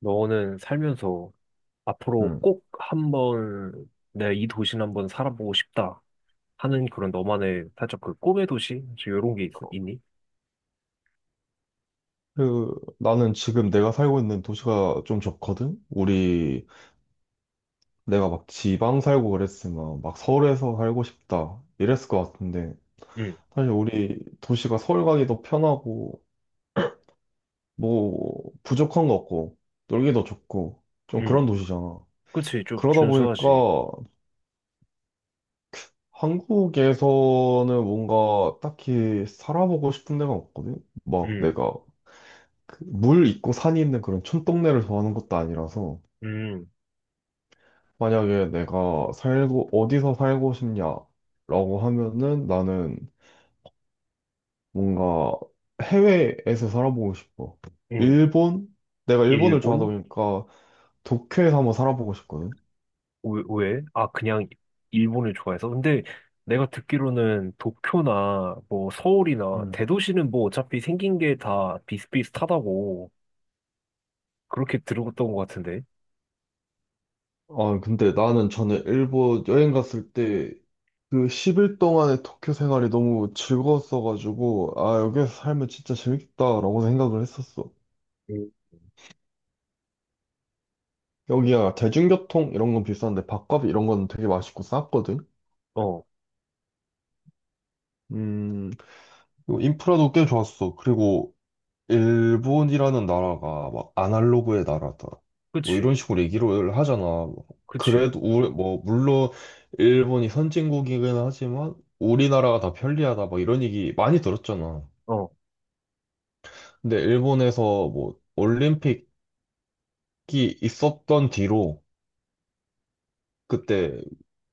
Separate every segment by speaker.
Speaker 1: 너는 살면서 앞으로
Speaker 2: 음.
Speaker 1: 꼭 한번 내가 이 도시는 한번 살아보고 싶다 하는 그런 너만의 살짝 그 꿈의 도시? 이런 게 있니?
Speaker 2: 그, 나는 지금 내가 살고 있는 도시가 좀 좋거든? 우리, 내가 막 지방 살고 그랬으면 막 서울에서 살고 싶다. 이랬을 것 같은데.
Speaker 1: 응,
Speaker 2: 사실 우리 도시가 서울 가기도 편하고, 뭐, 부족한 거 없고, 놀기도 좋고, 좀 그런
Speaker 1: 응.
Speaker 2: 도시잖아.
Speaker 1: 그치, 좀
Speaker 2: 그러다 보니까
Speaker 1: 준수하지.
Speaker 2: 한국에서는 뭔가 딱히 살아보고 싶은 데가 없거든? 막
Speaker 1: 응,
Speaker 2: 내가 그물 있고 산이 있는 그런 촌동네를 좋아하는 것도 아니라서.
Speaker 1: 응,
Speaker 2: 만약에 내가 살고, 어디서 살고 싶냐라고 하면은 나는 뭔가 해외에서 살아보고 싶어.
Speaker 1: 응.
Speaker 2: 일본? 내가 일본을 좋아하다
Speaker 1: 일본?
Speaker 2: 보니까 도쿄에서 한번 살아보고 싶거든.
Speaker 1: 왜? 왜? 아, 그냥 일본을 좋아해서? 근데 내가 듣기로는 도쿄나 뭐 서울이나
Speaker 2: 음.
Speaker 1: 대도시는 뭐 어차피 생긴 게 다 비슷비슷하다고 그렇게 들었던 것 같은데.
Speaker 2: 아, 근데 나는 전에 일본 여행 갔을 때 그 10일 동안의 도쿄 생활이 너무 즐거웠어가지고, 아, 여기에서 살면 진짜 재밌겠다라고 생각을 했었어.
Speaker 1: 응.
Speaker 2: 여기야 대중교통 이런 건 비싼데 밥값 이런 건 되게 맛있고 쌌거든.
Speaker 1: 어,
Speaker 2: 음, 그리고 인프라도 꽤 좋았어. 그리고 일본이라는 나라가 막 아날로그의 나라다. 뭐
Speaker 1: 그치,
Speaker 2: 이런 식으로 얘기를 하잖아.
Speaker 1: 그치.
Speaker 2: 그래도 우리 뭐 물론 일본이 선진국이긴 하지만 우리나라가 더 편리하다. 막 이런 얘기 많이 들었잖아.
Speaker 1: 어.
Speaker 2: 근데 일본에서 뭐 올림픽이 있었던 뒤로 그때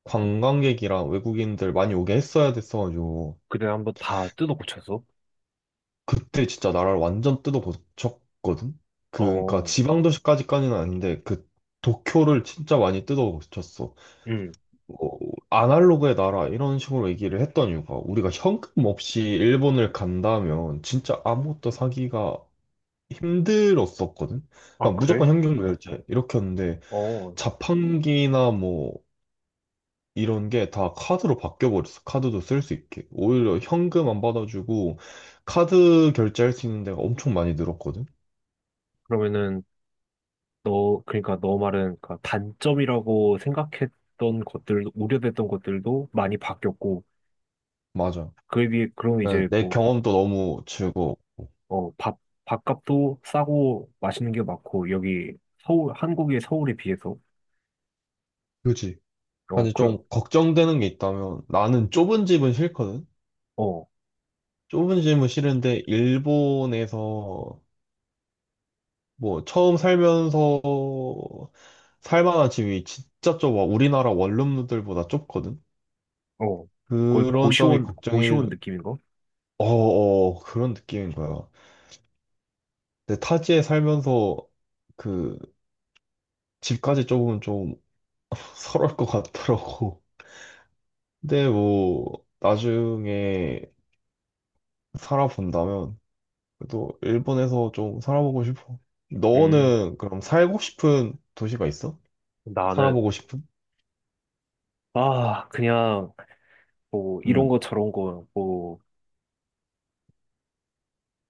Speaker 2: 관광객이랑 외국인들 많이 오게 했어야 됐어가지고
Speaker 1: 그래, 한번 다 뜯어 고쳐서?
Speaker 2: 그때 진짜 나라를 완전 뜯어고쳤거든? 그, 그니까
Speaker 1: 어,
Speaker 2: 지방도시까지까지는 아닌데, 그 도쿄를 진짜 많이 뜯어고쳤어.
Speaker 1: 응.
Speaker 2: 어, 아날로그의 나라, 이런 식으로 얘기를 했던 이유가, 우리가 현금 없이 일본을 간다면 진짜 아무것도 사기가 힘들었었거든?
Speaker 1: 아,
Speaker 2: 그러니까
Speaker 1: 그래?
Speaker 2: 무조건 현금 결제, 이렇게 했는데,
Speaker 1: 어.
Speaker 2: 자판기나 뭐, 이런 게 다 카드로 바뀌어버렸어. 카드도 쓸 수 있게. 오히려 현금 안 받아주고, 카드 결제할 수 있는 데가 엄청 많이 늘었거든.
Speaker 1: 그러면은, 너, 그러니까 너 말은, 그러니까 단점이라고 생각했던 것들, 우려됐던 것들도 많이 바뀌었고,
Speaker 2: 맞아.
Speaker 1: 그에 비해, 그럼
Speaker 2: 네,
Speaker 1: 이제
Speaker 2: 내
Speaker 1: 뭐,
Speaker 2: 경험도 너무 즐거워.
Speaker 1: 어, 밥값도 싸고 맛있는 게 많고, 여기 서울, 한국의 서울에 비해서,
Speaker 2: 그지?
Speaker 1: 어,
Speaker 2: 사실
Speaker 1: 그,
Speaker 2: 좀 걱정되는 게 있다면 나는 좁은 집은 싫거든?
Speaker 1: 어,
Speaker 2: 좁은 집은 싫은데 일본에서 뭐 처음 살면서 살만한 집이 진짜 좁아. 우리나라 원룸들보다 좁거든?
Speaker 1: 어. 거의
Speaker 2: 그런 점이
Speaker 1: 고시원
Speaker 2: 걱정일,
Speaker 1: 느낌인가?
Speaker 2: 어어, 그런 느낌인 거야. 근데 타지에 살면서 그 집까지 좁으면 좀 서러울 것 같더라고. 근데 뭐 나중에 살아본다면 그래도 일본에서 좀 살아보고 싶어.
Speaker 1: 음,
Speaker 2: 너는 그럼 살고 싶은 도시가 있어?
Speaker 1: 나는,
Speaker 2: 살아보고 싶은?
Speaker 1: 아, 그냥, 뭐, 이런
Speaker 2: 음,
Speaker 1: 거 저런 거, 뭐,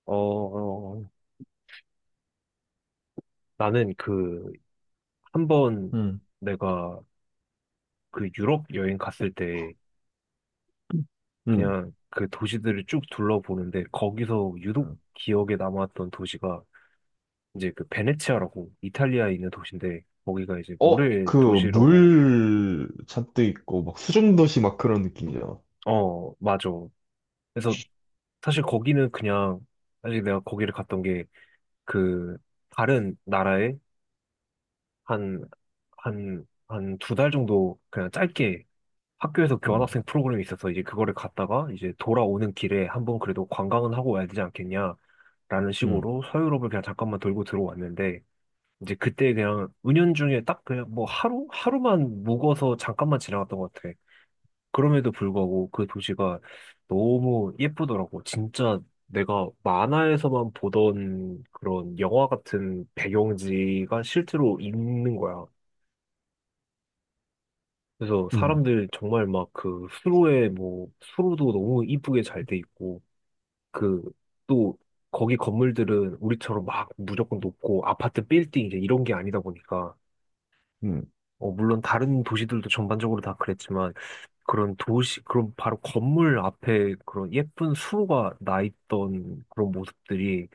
Speaker 1: 어, 어, 어. 나는 그, 한 번
Speaker 2: 음,
Speaker 1: 내가 그 유럽 여행 갔을 때
Speaker 2: 음.
Speaker 1: 그냥 그 도시들을 쭉 둘러보는데 거기서 유독
Speaker 2: 음.
Speaker 1: 기억에 남았던 도시가 이제 그 베네치아라고 이탈리아에 있는 도시인데 거기가 이제
Speaker 2: 어,
Speaker 1: 물의
Speaker 2: 그,
Speaker 1: 도시라고.
Speaker 2: 물 잔뜩 있고, 막 수중도시 막 그런 느낌이잖아.
Speaker 1: 어, 맞아. 그래서 사실 거기는 그냥 사실 내가 거기를 갔던 게 그 다른 나라에 한, 한 두 달 정도 그냥 짧게 학교에서
Speaker 2: 음,
Speaker 1: 교환학생 프로그램이 있어서 이제 그거를 갔다가 이제 돌아오는 길에 한번 그래도 관광은 하고 와야 되지 않겠냐라는
Speaker 2: 음,
Speaker 1: 식으로 서유럽을 그냥 잠깐만 돌고 들어왔는데 이제 그때 그냥 은연중에 딱 그냥 뭐 하루 하루만 묵어서 잠깐만 지나갔던 것 같아. 그럼에도 불구하고 그 도시가 너무 예쁘더라고. 진짜 내가 만화에서만 보던 그런 영화 같은 배경지가 실제로 있는 거야. 그래서
Speaker 2: 음.
Speaker 1: 사람들 정말 막 그 수로에 뭐 수로도 너무 이쁘게 잘 돼 있고 그 또 거기 건물들은 우리처럼 막 무조건 높고 아파트 빌딩 이제 이런 게 아니다 보니까
Speaker 2: 음.
Speaker 1: 어, 물론 다른 도시들도 전반적으로 다 그랬지만 그런 도시 그런 바로 건물 앞에 그런 예쁜 수로가 나 있던 그런 모습들이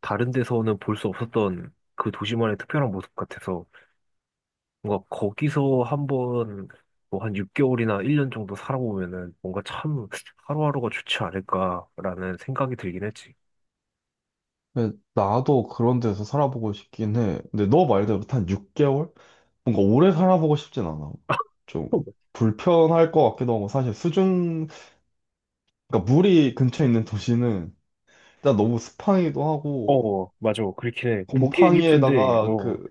Speaker 1: 다른 데서는 볼 수 없었던 그 도시만의 특별한 모습 같아서 뭔가 거기서 한번 뭐 한 6개월이나 1년 정도 살아보면은 뭔가 참 하루하루가 좋지 않을까라는 생각이 들긴 했지.
Speaker 2: 근데 나도 그런 데서 살아보고 싶긴 해. 근데 너 말대로 한 6개월? 뭔가 오래 살아보고 싶진 않아. 좀 불편할 것 같기도 하고, 사실 수중, 그러니까 물이 근처에 있는 도시는 진짜 너무 스팡이기도
Speaker 1: 어,
Speaker 2: 하고
Speaker 1: 어, 맞아. 그렇긴 해. 보기엔 이쁜데,
Speaker 2: 곰팡이에다가
Speaker 1: 어,
Speaker 2: 그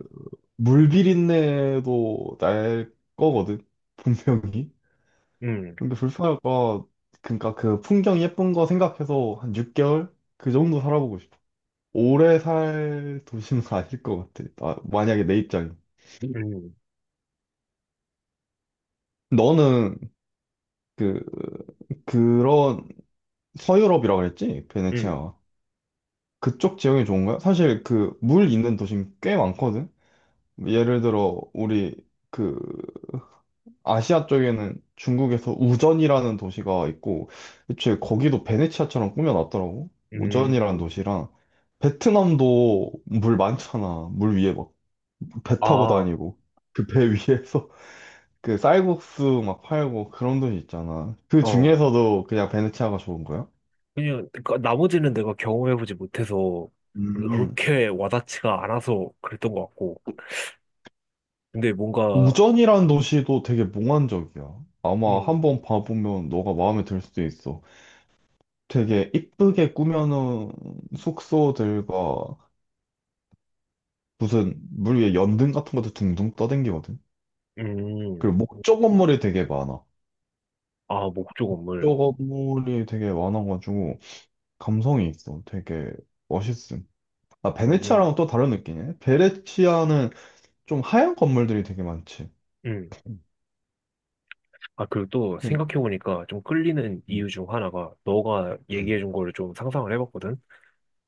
Speaker 2: 물 비린내도 날 거거든, 분명히.
Speaker 1: 음,
Speaker 2: 근데 불편할까. 그러니까 그 풍경 예쁜 거 생각해서 한 6개월 그 정도 살아보고 싶어. 오래 살 도시는 아닐 것 같아. 만약에 내 입장이.
Speaker 1: 음,
Speaker 2: 너는 그 그런 서유럽이라 그랬지?
Speaker 1: 음,
Speaker 2: 베네치아가. 그쪽 지형이 좋은가요? 사실 그 물 있는 도심 꽤 많거든. 예를 들어 우리 그 아시아 쪽에는 중국에서 우전이라는 도시가 있고, 애초에 거기도 베네치아처럼 꾸며놨더라고. 우전이라는
Speaker 1: 음.
Speaker 2: 도시랑, 베트남도 물 많잖아. 물 위에 막 배 타고
Speaker 1: 아,
Speaker 2: 다니고, 그 배 위에서 그 쌀국수 막 팔고 그런 도시 있잖아. 그
Speaker 1: 어.
Speaker 2: 중에서도 그냥 베네치아가 좋은 거야?
Speaker 1: 그냥, 그러니까 나머지는 내가 경험해보지 못해서
Speaker 2: 음.
Speaker 1: 그렇게 와닿지가 않아서 그랬던 것 같고. 근데 뭔가,
Speaker 2: 우전이라는 도시도 되게 몽환적이야. 아마
Speaker 1: 음,
Speaker 2: 한번 봐보면 너가 마음에 들 수도 있어. 되게 이쁘게 꾸며놓은 숙소들과 무슨 물 위에 연등 같은 것도 둥둥 떠댕기거든.
Speaker 1: 음,
Speaker 2: 그리고 목조 건물이 되게 많아.
Speaker 1: 아, 목조 건물.
Speaker 2: 목조 건물이 되게 많아가지고 감성이 있어. 되게 멋있음. 아,
Speaker 1: 음, 음.
Speaker 2: 베네치아랑은 또 다른 느낌이네. 베네치아는 좀 하얀 건물들이 되게 많지.
Speaker 1: 음. 아, 그리고 또
Speaker 2: 네.
Speaker 1: 생각해보니까 좀 끌리는 이유
Speaker 2: 음,
Speaker 1: 중 하나가 너가
Speaker 2: 음,
Speaker 1: 얘기해준 거를 좀 상상을 해봤거든?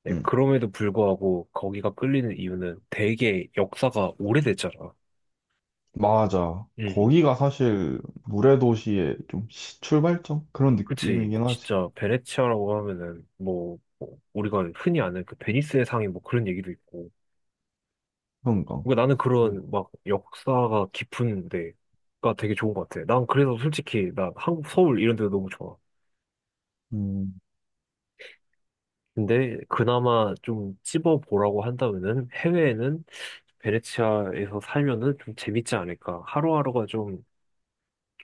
Speaker 1: 네,
Speaker 2: 음.
Speaker 1: 그럼에도 불구하고 거기가 끌리는 이유는 되게 역사가 오래됐잖아.
Speaker 2: 맞아.
Speaker 1: 음,
Speaker 2: 거기가 사실 물의 도시의 좀 시- 출발점? 그런
Speaker 1: 그치.
Speaker 2: 느낌이긴 하지.
Speaker 1: 진짜 베네치아라고 하면은 뭐 우리가 흔히 아는 그 베니스의 상이 뭐 그런 얘기도 있고.
Speaker 2: 그런가.
Speaker 1: 그러니까 나는
Speaker 2: 음,
Speaker 1: 그런 막 역사가 깊은 데가 되게 좋은 것 같아. 난 그래서 솔직히 나 한국 서울 이런 데도 너무 좋아.
Speaker 2: 음,
Speaker 1: 근데 그나마 좀 찝어보라고 한다면은 해외에는 베네치아에서 살면은 좀 재밌지 않을까. 하루하루가 좀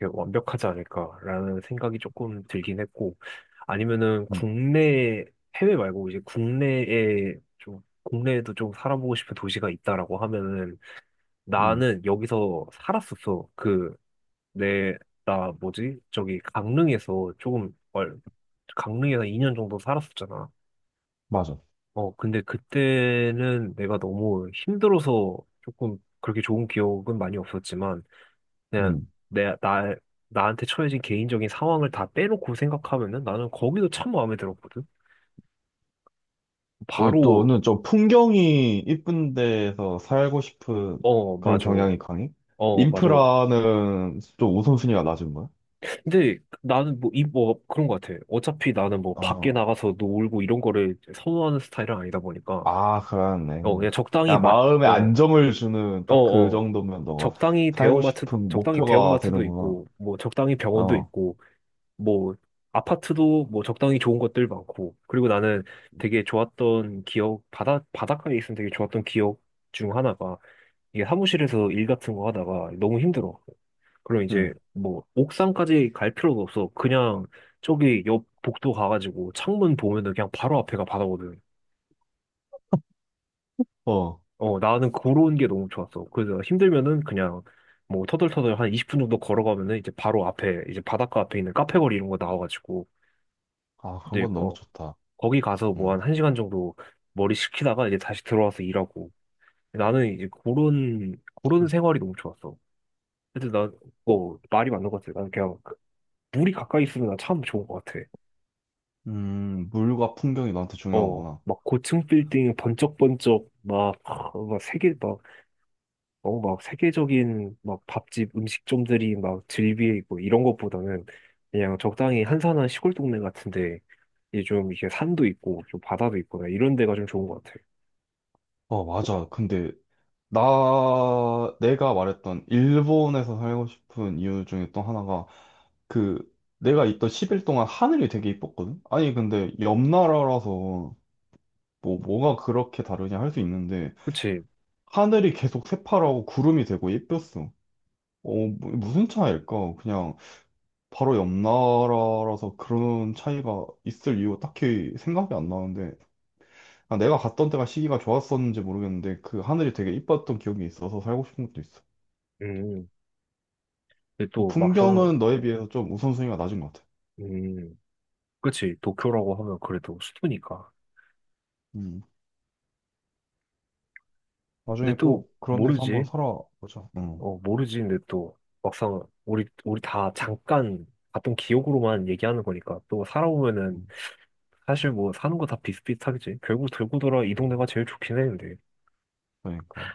Speaker 1: 이렇게 완벽하지 않을까라는 생각이 조금 들긴 했고, 아니면은
Speaker 2: 음,
Speaker 1: 국내, 해외 말고 이제 국내에 좀, 국내에도 좀 살아보고 싶은 도시가 있다라고 하면은
Speaker 2: 음.
Speaker 1: 나는 여기서 살았었어. 그, 내, 나 뭐지? 저기 강릉에서 조금, 강릉에서 2년 정도 살았었잖아.
Speaker 2: 맞아.
Speaker 1: 어, 근데 그때는 내가 너무 힘들어서 조금 그렇게 좋은 기억은 많이 없었지만, 그냥
Speaker 2: 음.
Speaker 1: 내, 나, 나한테 처해진 개인적인 상황을 다 빼놓고 생각하면은 나는 거기도 참 마음에 들었거든?
Speaker 2: 어,
Speaker 1: 바로,
Speaker 2: 또는 좀 풍경이 이쁜 데에서 살고 싶은
Speaker 1: 어,
Speaker 2: 그런
Speaker 1: 맞아.
Speaker 2: 경향이 강해?
Speaker 1: 어, 맞아.
Speaker 2: 인프라는 좀 우선순위가 낮은 거야?
Speaker 1: 근데 나는 뭐, 이, 뭐, 그런 것 같아. 어차피 나는 뭐, 밖에
Speaker 2: 어,
Speaker 1: 나가서 놀고 이런 거를 선호하는 스타일은 아니다 보니까,
Speaker 2: 아,
Speaker 1: 어,
Speaker 2: 그러네.
Speaker 1: 그냥 적당히
Speaker 2: 그냥 마음에 안정을 주는
Speaker 1: 어,
Speaker 2: 딱 그
Speaker 1: 어.
Speaker 2: 정도면 너가
Speaker 1: 적당히
Speaker 2: 살고
Speaker 1: 대형마트,
Speaker 2: 싶은
Speaker 1: 적당히
Speaker 2: 목표가
Speaker 1: 대형마트도
Speaker 2: 되는구나.
Speaker 1: 있고, 뭐, 적당히 병원도
Speaker 2: 어,
Speaker 1: 있고, 뭐 아파트도 뭐 적당히 좋은 것들 많고 그리고 나는 되게 좋았던 기억 바다 바닷가에 있으면 되게 좋았던 기억 중 하나가 이게 사무실에서 일 같은 거 하다가 너무 힘들어. 그럼 이제
Speaker 2: 응,
Speaker 1: 뭐 옥상까지 갈 필요도 없어. 그냥 저기 옆 복도 가가지고 창문 보면은 그냥 바로 앞에가 바다거든.
Speaker 2: 어.
Speaker 1: 어, 나는 그런 게 너무 좋았어. 그래서 힘들면은 그냥 뭐 터덜터덜 한 20분 정도 걸어가면은 이제 바로 앞에 이제 바닷가 앞에 있는 카페 거리 이런 거 나와가지고
Speaker 2: 아, 그런
Speaker 1: 이제
Speaker 2: 건 너무
Speaker 1: 어,
Speaker 2: 좋다.
Speaker 1: 거기 가서 뭐
Speaker 2: 응.
Speaker 1: 한 1시간 정도 머리 식히다가 이제 다시 들어와서 일하고. 나는 이제 그런 생활이 너무 좋았어. 근데 난, 어, 말이 맞는 것 같아. 난 그냥 그 물이 가까이 있으면 난 참 좋은 것 같아.
Speaker 2: 물과 풍경이 너한테
Speaker 1: 어,
Speaker 2: 중요한구나.
Speaker 1: 막 고층 빌딩 번쩍번쩍 막, 아, 막 세계, 막, 어, 막 세계적인 막 밥집 음식점들이 막 즐비해 있고 이런 것보다는 그냥 적당히 한산한 시골 동네 같은데 이제 좀 이게 산도 있고 좀 바다도 있고 이런 데가 좀 좋은 것 같아.
Speaker 2: 어, 맞아. 근데 나, 내가 말했던 일본에서 살고 싶은 이유 중에 또 하나가 그 내가 있던 10일 동안 하늘이 되게 이뻤거든? 아니 근데 옆 나라라서 뭐 뭐가 그렇게 다르냐 할 수 있는데
Speaker 1: 그치?
Speaker 2: 하늘이 계속 새파랗고 구름이 되고 예뻤어. 어, 무슨 차이일까? 그냥 바로 옆 나라라서 그런 차이가 있을 이유 딱히 생각이 안 나는데 아, 내가 갔던 때가 시기가 좋았었는지 모르겠는데 그 하늘이 되게 이뻤던 기억이 있어서 살고 싶은 것도 있어.
Speaker 1: 음. 근데 또 막상,
Speaker 2: 풍경은 너에 비해서 좀 우선순위가 낮은 것 같아.
Speaker 1: 음, 그치 도쿄라고 하면 그래도 수도니까.
Speaker 2: 음.
Speaker 1: 근데
Speaker 2: 나중에
Speaker 1: 또
Speaker 2: 꼭 그런 데서 한번
Speaker 1: 모르지.
Speaker 2: 살아보자. 응.
Speaker 1: 어, 모르지. 근데 또 막상 우리 다 잠깐 봤던 기억으로만 얘기하는 거니까 또 살아보면은
Speaker 2: 응.
Speaker 1: 사실 뭐 사는 거 다 비슷비슷하겠지. 결국 들고 돌아 이 동네가 제일 좋긴 해. 근데.
Speaker 2: 그러니까.